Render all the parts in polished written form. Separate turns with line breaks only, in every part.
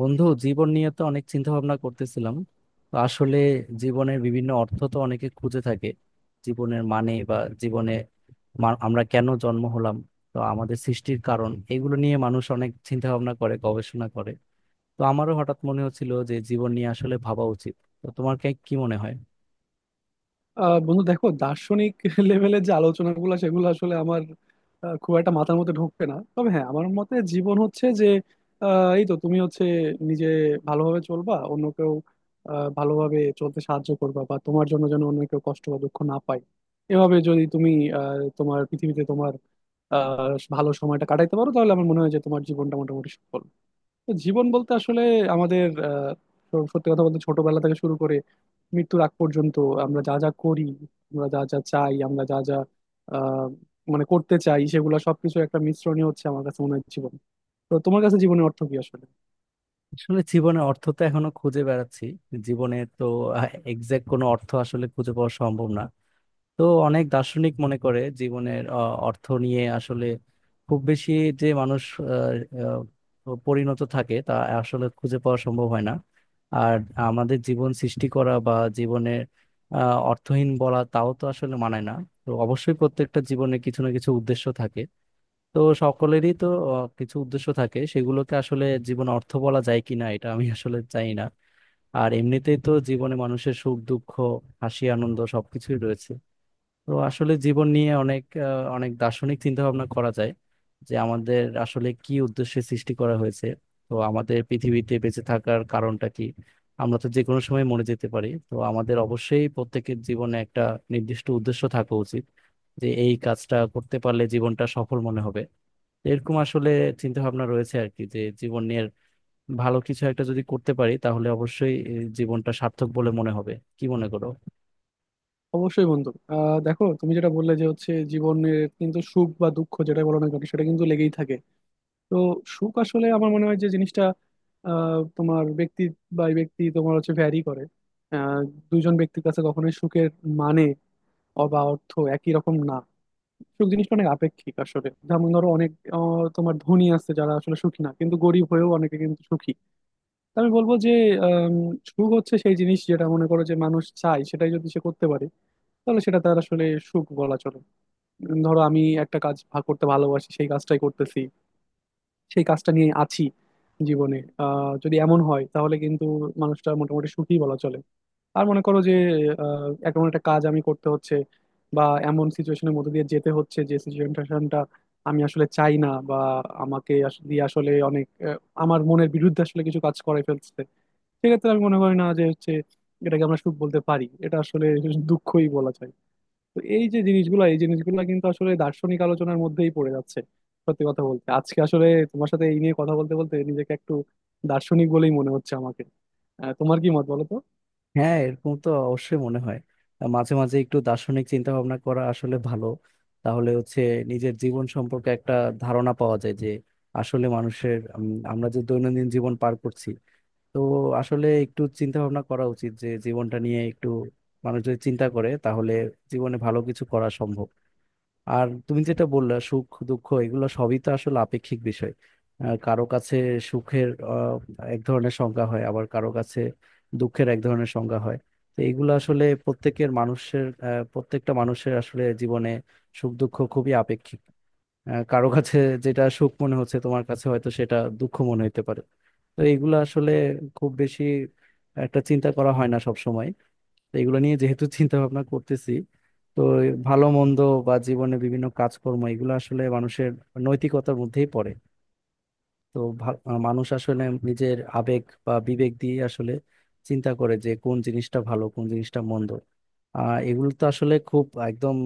বন্ধু, জীবন নিয়ে তো অনেক চিন্তা ভাবনা করতেছিলাম। তো আসলে জীবনের বিভিন্ন অর্থ তো অনেকে খুঁজে থাকে। জীবনের মানে বা জীবনে আমরা কেন জন্ম হলাম, তো আমাদের সৃষ্টির কারণ, এগুলো নিয়ে মানুষ অনেক চিন্তা ভাবনা করে, গবেষণা করে। তো আমারও হঠাৎ মনে হচ্ছিল যে জীবন নিয়ে আসলে ভাবা উচিত। তো তোমার কি মনে হয়?
বন্ধু, দেখো, দার্শনিক লেভেলের যে আলোচনাগুলো সেগুলো আসলে আমার খুব একটা মাথার মধ্যে ঢোকে না। তবে হ্যাঁ, আমার মতে জীবন হচ্ছে যে এই তো, তুমি হচ্ছে নিজে ভালোভাবে চলবা, অন্য কেউ ভালোভাবে চলতে সাহায্য করবা, বা তোমার জন্য যেন অন্য কেউ কষ্ট বা দুঃখ না পায়। এভাবে যদি তুমি তোমার পৃথিবীতে তোমার ভালো সময়টা কাটাইতে পারো, তাহলে আমার মনে হয় যে তোমার জীবনটা মোটামুটি সফল। তো জীবন বলতে আসলে আমাদের সত্যি কথা বলতে, ছোটবেলা থেকে শুরু করে মৃত্যুর আগ পর্যন্ত আমরা যা যা করি, আমরা যা যা চাই, আমরা যা যা আহ, মানে করতে চাই, সেগুলো সবকিছু একটা মিশ্রণই হচ্ছে আমার কাছে মনে হয় জীবন। তো তোমার কাছে জীবনের অর্থ কি আসলে?
আসলে জীবনের অর্থ তো এখনো খুঁজে বেড়াচ্ছি। জীবনে তো এক্সাক্ট কোনো অর্থ আসলে খুঁজে পাওয়া সম্ভব না। তো অনেক দার্শনিক মনে করে জীবনের অর্থ নিয়ে আসলে খুব বেশি যে মানুষ আহ, পরিণত থাকে তা আসলে খুঁজে পাওয়া সম্ভব হয় না। আর আমাদের জীবন সৃষ্টি করা বা জীবনের অর্থহীন বলা তাও তো আসলে মানায় না। তো অবশ্যই প্রত্যেকটা জীবনে কিছু না কিছু উদ্দেশ্য থাকে। তো সকলেরই তো কিছু উদ্দেশ্য থাকে, সেগুলোকে আসলে জীবন অর্থ বলা যায় কিনা এটা আমি আসলে চাই না। আর এমনিতেই তো জীবনে মানুষের সুখ দুঃখ, হাসি আনন্দ সবকিছুই রয়েছে। তো আসলে জীবন নিয়ে অনেক অনেক দার্শনিক চিন্তা ভাবনা করা যায় যে আমাদের আসলে কি উদ্দেশ্যে সৃষ্টি করা হয়েছে, তো আমাদের পৃথিবীতে বেঁচে থাকার কারণটা কি। আমরা তো যে কোনো সময় মরে যেতে পারি, তো আমাদের অবশ্যই প্রত্যেকের জীবনে একটা নির্দিষ্ট উদ্দেশ্য থাকা উচিত, যে এই কাজটা করতে পারলে জীবনটা সফল মনে হবে। এরকম আসলে চিন্তা ভাবনা রয়েছে আর কি, যে জীবনের ভালো কিছু একটা যদি করতে পারি তাহলে অবশ্যই এই জীবনটা সার্থক বলে মনে হবে। কি মনে করো?
অবশ্যই বন্ধু, দেখো, তুমি যেটা বললে যে হচ্ছে জীবনের কিন্তু সুখ বা দুঃখ যেটা বলো না কেন, সেটা কিন্তু লেগেই থাকে। তো সুখ আসলে আমার মনে হয় যে জিনিসটা তোমার ব্যক্তি বাই ব্যক্তি তোমার হচ্ছে ভ্যারি করে। আহ, দুজন ব্যক্তির কাছে কখনোই সুখের মানে অর্থ একই রকম না। সুখ জিনিসটা অনেক আপেক্ষিক আসলে। যেমন ধরো, অনেক তোমার ধনী আছে যারা আসলে সুখী না, কিন্তু গরিব হয়েও অনেকে কিন্তু সুখী। তা আমি বলবো যে আম, সুখ হচ্ছে সেই জিনিস যেটা মনে করো যে মানুষ চায়, সেটাই যদি সে করতে পারে, তাহলে সেটা তার আসলে সুখ বলা চলে। ধরো আমি একটা কাজ করতে ভালোবাসি, সেই কাজটাই করতেছি, সেই কাজটা নিয়ে আছি জীবনে। যদি এমন হয়, তাহলে কিন্তু মানুষটা মোটামুটি সুখী বলা চলে। আর মনে করো যে এমন একটা কাজ আমি করতে হচ্ছে, বা এমন সিচুয়েশনের মধ্যে দিয়ে যেতে হচ্ছে যে সিচুয়েশনটা আমি আসলে চাই না, বা দিয়ে আসলে অনেক আমার মনের বিরুদ্ধে আসলে কিছু কাজ করে ফেলছে। সেক্ষেত্রে আমি মনে করি না যে হচ্ছে এটাকে আমরা সুখ বলতে পারি, এটা আসলে দুঃখই বলা যায়। তো এই যে জিনিসগুলো, এই জিনিসগুলো কিন্তু আসলে দার্শনিক আলোচনার মধ্যেই পড়ে যাচ্ছে। সত্যি কথা বলতে, আজকে আসলে তোমার সাথে এই নিয়ে কথা বলতে বলতে নিজেকে একটু দার্শনিক বলেই মনে হচ্ছে আমাকে। তোমার কি মত বলো তো?
হ্যাঁ, এরকম তো অবশ্যই মনে হয়। মাঝে মাঝে একটু দার্শনিক চিন্তা ভাবনা করা আসলে ভালো। তাহলে হচ্ছে নিজের জীবন সম্পর্কে একটা ধারণা পাওয়া যায় যে আসলে মানুষের আমরা যে দৈনন্দিন জীবন পার করছি, তো আসলে একটু চিন্তা ভাবনা করা উচিত যে জীবনটা নিয়ে একটু মানুষ যদি চিন্তা করে তাহলে জীবনে ভালো কিছু করা সম্ভব। আর তুমি যেটা বললা, সুখ দুঃখ এগুলো সবই তো আসলে আপেক্ষিক বিষয়। কারো কাছে সুখের এক ধরনের সংজ্ঞা হয়, আবার কারো কাছে দুঃখের এক ধরনের সংজ্ঞা হয়। তো এগুলো আসলে প্রত্যেকের মানুষের প্রত্যেকটা মানুষের আসলে জীবনে সুখ দুঃখ খুবই আপেক্ষিক। কারো কাছে যেটা সুখ মনে হচ্ছে, তোমার কাছে হয়তো সেটা দুঃখ মনে হতে পারে। তো এগুলো আসলে খুব বেশি একটা চিন্তা করা হয় না সব সময়। তো এগুলো নিয়ে যেহেতু চিন্তা ভাবনা করতেছি, তো ভালো মন্দ বা জীবনে বিভিন্ন কাজকর্ম, এগুলো আসলে মানুষের নৈতিকতার মধ্যেই পড়ে। তো ভা- আহ মানুষ আসলে নিজের আবেগ বা বিবেক দিয়ে আসলে চিন্তা করে যে কোন জিনিসটা ভালো কোন জিনিসটা মন্দ। এগুলো তো আসলে খুব একদম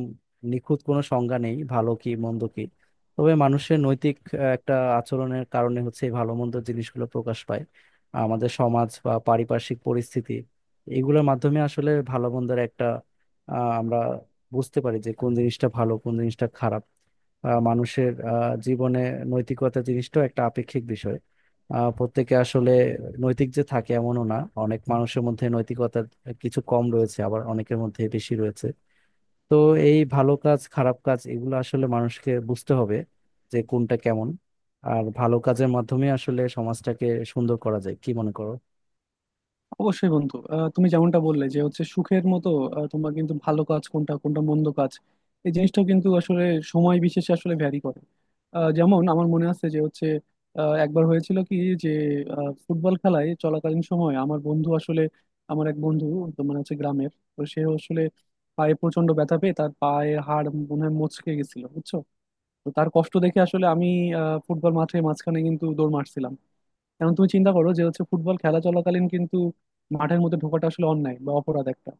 নিখুঁত কোনো সংজ্ঞা নেই ভালো কি মন্দ কি। তবে মানুষের নৈতিক একটা আচরণের কারণে হচ্ছে এই ভালো মন্দ জিনিসগুলো প্রকাশ পায়। আমাদের সমাজ বা পারিপার্শ্বিক পরিস্থিতি, এগুলোর মাধ্যমে আসলে ভালো মন্দের একটা আমরা বুঝতে পারি যে কোন জিনিসটা ভালো কোন জিনিসটা খারাপ। মানুষের জীবনে নৈতিকতা জিনিসটাও একটা আপেক্ষিক বিষয়। প্রত্যেকে আসলে নৈতিক যে থাকে এমনও না। অনেক মানুষের মধ্যে নৈতিকতার কিছু কম রয়েছে, আবার অনেকের মধ্যে বেশি রয়েছে। তো এই ভালো কাজ খারাপ কাজ এগুলো আসলে মানুষকে বুঝতে হবে যে কোনটা কেমন। আর ভালো কাজের মাধ্যমে আসলে সমাজটাকে সুন্দর করা যায়। কি মনে করো?
অবশ্যই বন্ধু, তুমি যেমনটা বললে যে হচ্ছে সুখের মতো তোমার কিন্তু ভালো কাজ কোনটা, কোনটা মন্দ কাজ, এই জিনিসটাও কিন্তু আসলে সময় বিশেষে আসলে ভ্যারি করে। যেমন আমার মনে আছে যে হচ্ছে একবার হয়েছিল কি যে ফুটবল খেলায় চলাকালীন সময় আমার বন্ধু আসলে, আমার এক বন্ধু, তো মানে হচ্ছে গ্রামের, তো সে আসলে পায়ে প্রচন্ড ব্যথা পেয়ে তার পায়ের হাড় মনে হয় মচকে গেছিল, বুঝছো? তো তার কষ্ট দেখে আসলে আমি ফুটবল মাঠের মাঝখানে কিন্তু দৌড় মারছিলাম। এখন তুমি চিন্তা করো যে হচ্ছে ফুটবল খেলা চলাকালীন কিন্তু মাঠের মধ্যে ঢোকাটা আসলে অন্যায় বা অপরাধ একটা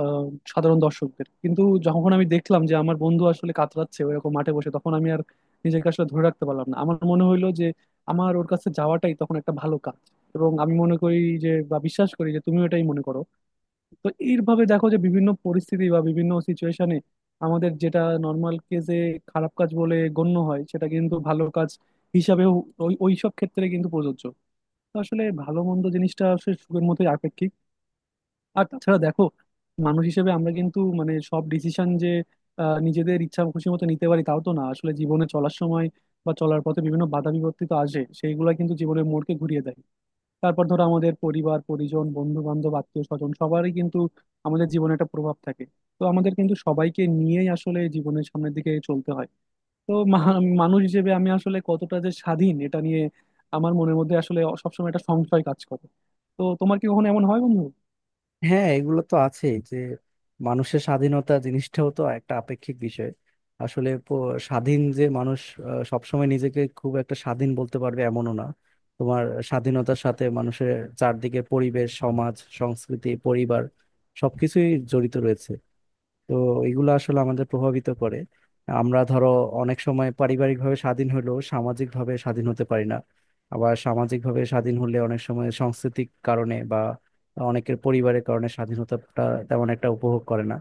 আহ, সাধারণ দর্শকদের কিন্তু। যখন আমি দেখলাম যে আমার বন্ধু আসলে কাতরাচ্ছে ওইরকম মাঠে বসে, তখন আমি আর নিজেকে আসলে ধরে রাখতে পারলাম না। আমার মনে হইলো যে আমার ওর কাছে যাওয়াটাই তখন একটা ভালো কাজ, এবং আমি মনে করি যে, বা বিশ্বাস করি যে, তুমিও এটাই মনে করো। তো এইভাবে দেখো, যে বিভিন্ন পরিস্থিতি বা বিভিন্ন সিচুয়েশনে আমাদের যেটা নর্মাল কেসে খারাপ কাজ বলে গণ্য হয়, সেটা কিন্তু ভালো কাজ হিসাবেও ওইসব ক্ষেত্রে কিন্তু প্রযোজ্য। তো আসলে ভালো মন্দ জিনিসটা আসলে সুখের মতোই আপেক্ষিক। আর তাছাড়া দেখো, মানুষ হিসেবে আমরা কিন্তু মানে সব ডিসিশন যে নিজেদের ইচ্ছা খুশি মতো নিতে পারি, তাও তো না আসলে। জীবনে চলার সময়, বা চলার পথে বিভিন্ন বাধা বিপত্তি তো আসে, সেইগুলা কিন্তু জীবনের মোড়কে ঘুরিয়ে দেয়। তারপর ধরো আমাদের পরিবার পরিজন, বন্ধু বান্ধব, আত্মীয় স্বজন সবারই কিন্তু আমাদের জীবনে একটা প্রভাব থাকে। তো আমাদের কিন্তু সবাইকে নিয়েই আসলে জীবনের সামনের দিকে চলতে হয়। তো মানুষ হিসেবে আমি আসলে কতটা যে স্বাধীন, এটা নিয়ে আমার মনের মধ্যে আসলে সবসময় একটা সংশয় কাজ করে। তো তোমার কি কখনো এমন হয়, বন্ধু?
হ্যাঁ, এগুলো তো আছেই যে মানুষের স্বাধীনতা জিনিসটাও তো একটা আপেক্ষিক বিষয়। আসলে স্বাধীন যে মানুষ সবসময় নিজেকে খুব একটা স্বাধীন বলতে পারবে এমনও না। তোমার স্বাধীনতার সাথে মানুষের চারদিকে পরিবেশ, সমাজ, সংস্কৃতি, পরিবার সবকিছুই জড়িত রয়েছে। তো এগুলো আসলে আমাদের প্রভাবিত করে। আমরা ধরো অনেক সময় পারিবারিকভাবে স্বাধীন হলেও সামাজিকভাবে স্বাধীন হতে পারি না। আবার সামাজিকভাবে স্বাধীন হলে অনেক সময় সাংস্কৃতিক কারণে বা অনেকের পরিবারের কারণে স্বাধীনতাটা তেমন একটা উপভোগ করে না।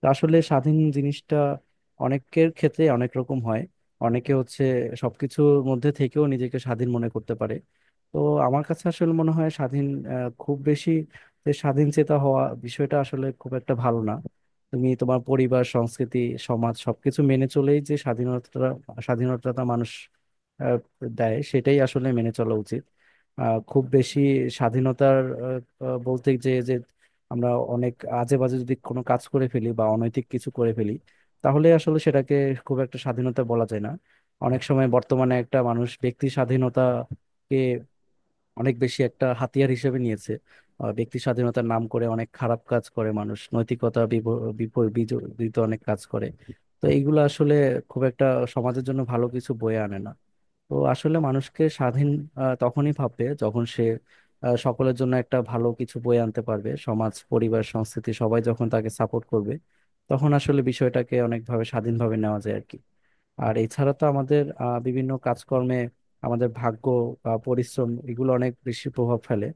তো আসলে স্বাধীন জিনিসটা অনেকের ক্ষেত্রে অনেক রকম হয়। অনেকে হচ্ছে সবকিছুর মধ্যে থেকেও নিজেকে স্বাধীন মনে করতে পারে। তো আমার কাছে আসলে মনে হয় স্বাধীন খুব বেশি যে স্বাধীন চেতা হওয়া বিষয়টা আসলে খুব একটা ভালো না। তুমি তোমার পরিবার, সংস্কৃতি, সমাজ সবকিছু মেনে চলেই যে স্বাধীনতা, স্বাধীনতা মানুষ আহ, দেয় সেটাই আসলে মেনে চলা উচিত। খুব বেশি স্বাধীনতার বলতে যে যে আমরা অনেক আজে বাজে যদি কোনো কাজ করে ফেলি বা অনৈতিক কিছু করে ফেলি, তাহলে আসলে সেটাকে খুব একটা স্বাধীনতা বলা যায় না। অনেক সময় বর্তমানে একটা মানুষ ব্যক্তি স্বাধীনতাকে অনেক বেশি একটা হাতিয়ার হিসেবে নিয়েছে। ব্যক্তি স্বাধীনতার নাম করে অনেক খারাপ কাজ করে মানুষ, নৈতিকতা বিজড়িত অনেক কাজ করে। তো এইগুলো আসলে খুব একটা সমাজের জন্য ভালো কিছু বয়ে আনে না। তো আসলে মানুষকে স্বাধীন তখনই ভাববে যখন সে সকলের জন্য একটা ভালো কিছু বয়ে আনতে পারবে, সমাজ, পরিবার, সংস্কৃতি সবাই যখন তাকে সাপোর্ট করবে, তখন আসলে বিষয়টাকে অনেকভাবে স্বাধীনভাবে নেওয়া যায় আর কি। আর এছাড়া তো আমাদের বিভিন্ন কাজকর্মে আমাদের ভাগ্য বা পরিশ্রম, এগুলো অনেক বেশি প্রভাব ফেলে।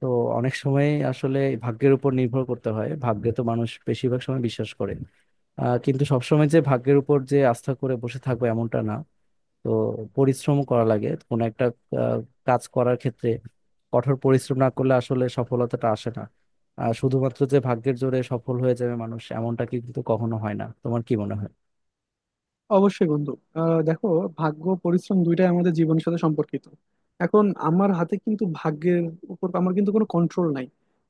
তো অনেক সময় আসলে ভাগ্যের উপর নির্ভর করতে হয়। ভাগ্যে তো মানুষ বেশিরভাগ সময় বিশ্বাস করে। কিন্তু সবসময় যে ভাগ্যের উপর আস্থা করে বসে থাকবো এমনটা না। তো পরিশ্রম করা লাগে কোনো একটা আহ, কাজ করার ক্ষেত্রে। কঠোর পরিশ্রম না করলে আসলে সফলতাটা আসে না। আর শুধুমাত্র যে ভাগ্যের জোরে সফল হয়ে যাবে মানুষ এমনটা কিন্তু কখনো হয় না। তোমার কি মনে হয়?
অবশ্যই বন্ধু, দেখো, ভাগ্য পরিশ্রম দুইটাই আমাদের জীবনের সাথে সম্পর্কিত। এখন আমার হাতে কিন্তু ভাগ্যের উপর আমার কিন্তু কোনো কন্ট্রোল নাই।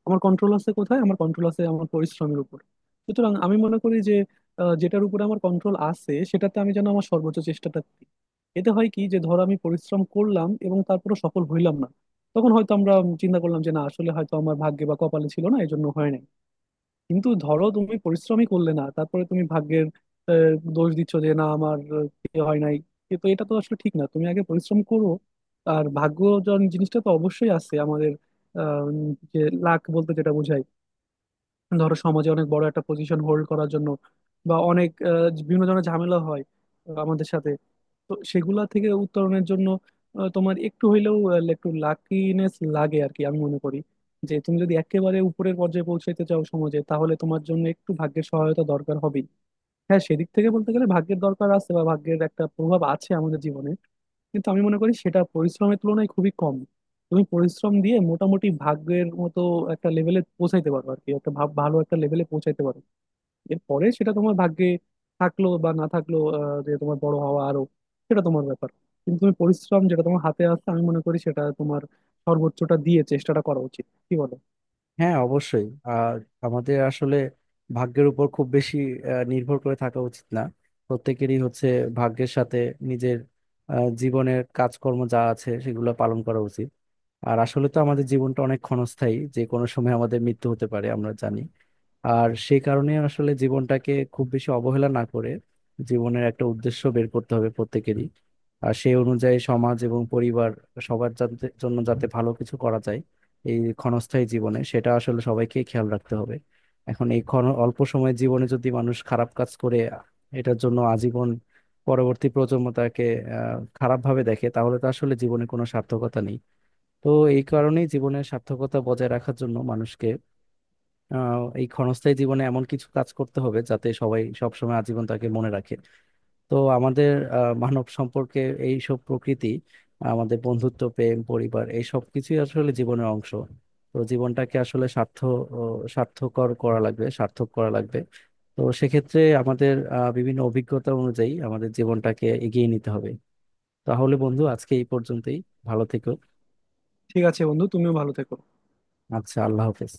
আমার কন্ট্রোল আছে কোথায়? আমার কন্ট্রোল আছে আমার পরিশ্রমের উপর। সুতরাং আমি মনে করি যে যেটার উপরে আমার কন্ট্রোল আছে, সেটাতে আমি যেন আমার সর্বোচ্চ চেষ্টাটা দিই। এতে হয় কি, যে ধরো আমি পরিশ্রম করলাম এবং তারপরে সফল হইলাম না, তখন হয়তো আমরা চিন্তা করলাম যে না, আসলে হয়তো আমার ভাগ্যে বা কপালে ছিল না, এই জন্য হয় নাই। কিন্তু ধরো তুমি পরিশ্রমই করলে না, তারপরে তুমি ভাগ্যের দোষ দিচ্ছ যে না, আমার ইয়ে হয় নাই। কিন্তু এটা তো আসলে ঠিক না। তুমি আগে পরিশ্রম করো। আর ভাগ্য জিনিসটা তো অবশ্যই আছে আমাদের। আহ, যে লাক বলতে যেটা বোঝায়, ধরো সমাজে অনেক বড় একটা পজিশন হোল্ড করার জন্য, বা অনেক বিভিন্ন ধরনের ঝামেলা হয় আমাদের সাথে, তো সেগুলা থেকে উত্তরণের জন্য তোমার একটু হইলেও একটু লাকিনেস লাগে আর কি। আমি মনে করি যে তুমি যদি একেবারে উপরের পর্যায়ে পৌঁছাইতে চাও সমাজে, তাহলে তোমার জন্য একটু ভাগ্যের সহায়তা দরকার হবেই। হ্যাঁ, সেদিক থেকে বলতে গেলে ভাগ্যের দরকার আছে, বা ভাগ্যের একটা প্রভাব আছে আমাদের জীবনে। কিন্তু আমি মনে করি সেটা পরিশ্রমের তুলনায় খুবই কম। তুমি পরিশ্রম দিয়ে মোটামুটি ভাগ্যের মতো একটা লেভেলে পৌঁছাইতে পারো আর কি, একটা ভালো একটা লেভেলে পৌঁছাইতে পারো। এরপরে সেটা তোমার ভাগ্যে থাকলো বা না থাকলো যে তোমার বড় হওয়া আরো, সেটা তোমার ব্যাপার। কিন্তু তুমি পরিশ্রম, যেটা তোমার হাতে আসছে, আমি মনে করি সেটা তোমার সর্বোচ্চটা দিয়ে চেষ্টাটা করা উচিত। কি বলো?
হ্যাঁ, অবশ্যই। আর আমাদের আসলে ভাগ্যের উপর খুব বেশি নির্ভর করে থাকা উচিত না। প্রত্যেকেরই হচ্ছে ভাগ্যের সাথে নিজের জীবনের কাজকর্ম যা আছে সেগুলো পালন করা উচিত। আর আসলে তো আমাদের জীবনটা অনেক ক্ষণস্থায়ী, যে কোনো সময় আমাদের মৃত্যু হতে পারে আমরা জানি। আর সেই কারণে আসলে জীবনটাকে খুব বেশি অবহেলা না করে জীবনের একটা উদ্দেশ্য বের করতে হবে প্রত্যেকেরই। আর সেই অনুযায়ী সমাজ এবং পরিবার, সবার জন্য যাতে ভালো কিছু করা যায় এই ক্ষণস্থায়ী জীবনে, সেটা আসলে সবাইকে খেয়াল রাখতে হবে। এখন এই ক্ষণ অল্প সময়ের জীবনে যদি মানুষ খারাপ কাজ করে, এটার জন্য আজীবন পরবর্তী প্রজন্ম তাকে খারাপভাবে দেখে, তাহলে তো আসলে জীবনে কোনো সার্থকতা নেই। তো এই কারণেই জীবনের সার্থকতা বজায় রাখার জন্য মানুষকে এই ক্ষণস্থায়ী জীবনে এমন কিছু কাজ করতে হবে যাতে সবাই সবসময় আজীবন তাকে মনে রাখে। তো আমাদের মানব সম্পর্কে, এই সব প্রকৃতি, আমাদের বন্ধুত্ব, প্রেম, পরিবার, এই সব কিছুই আসলে জীবনের অংশ। তো জীবনটাকে আসলে ও সার্থকর করা লাগবে, সার্থক করা লাগবে। তো সেক্ষেত্রে আমাদের বিভিন্ন অভিজ্ঞতা অনুযায়ী আমাদের জীবনটাকে এগিয়ে নিতে হবে। তাহলে বন্ধু, আজকে এই পর্যন্তই। ভালো থেকো।
ঠিক আছে বন্ধু, তুমিও ভালো থেকো।
আচ্ছা, আল্লাহ হাফেজ।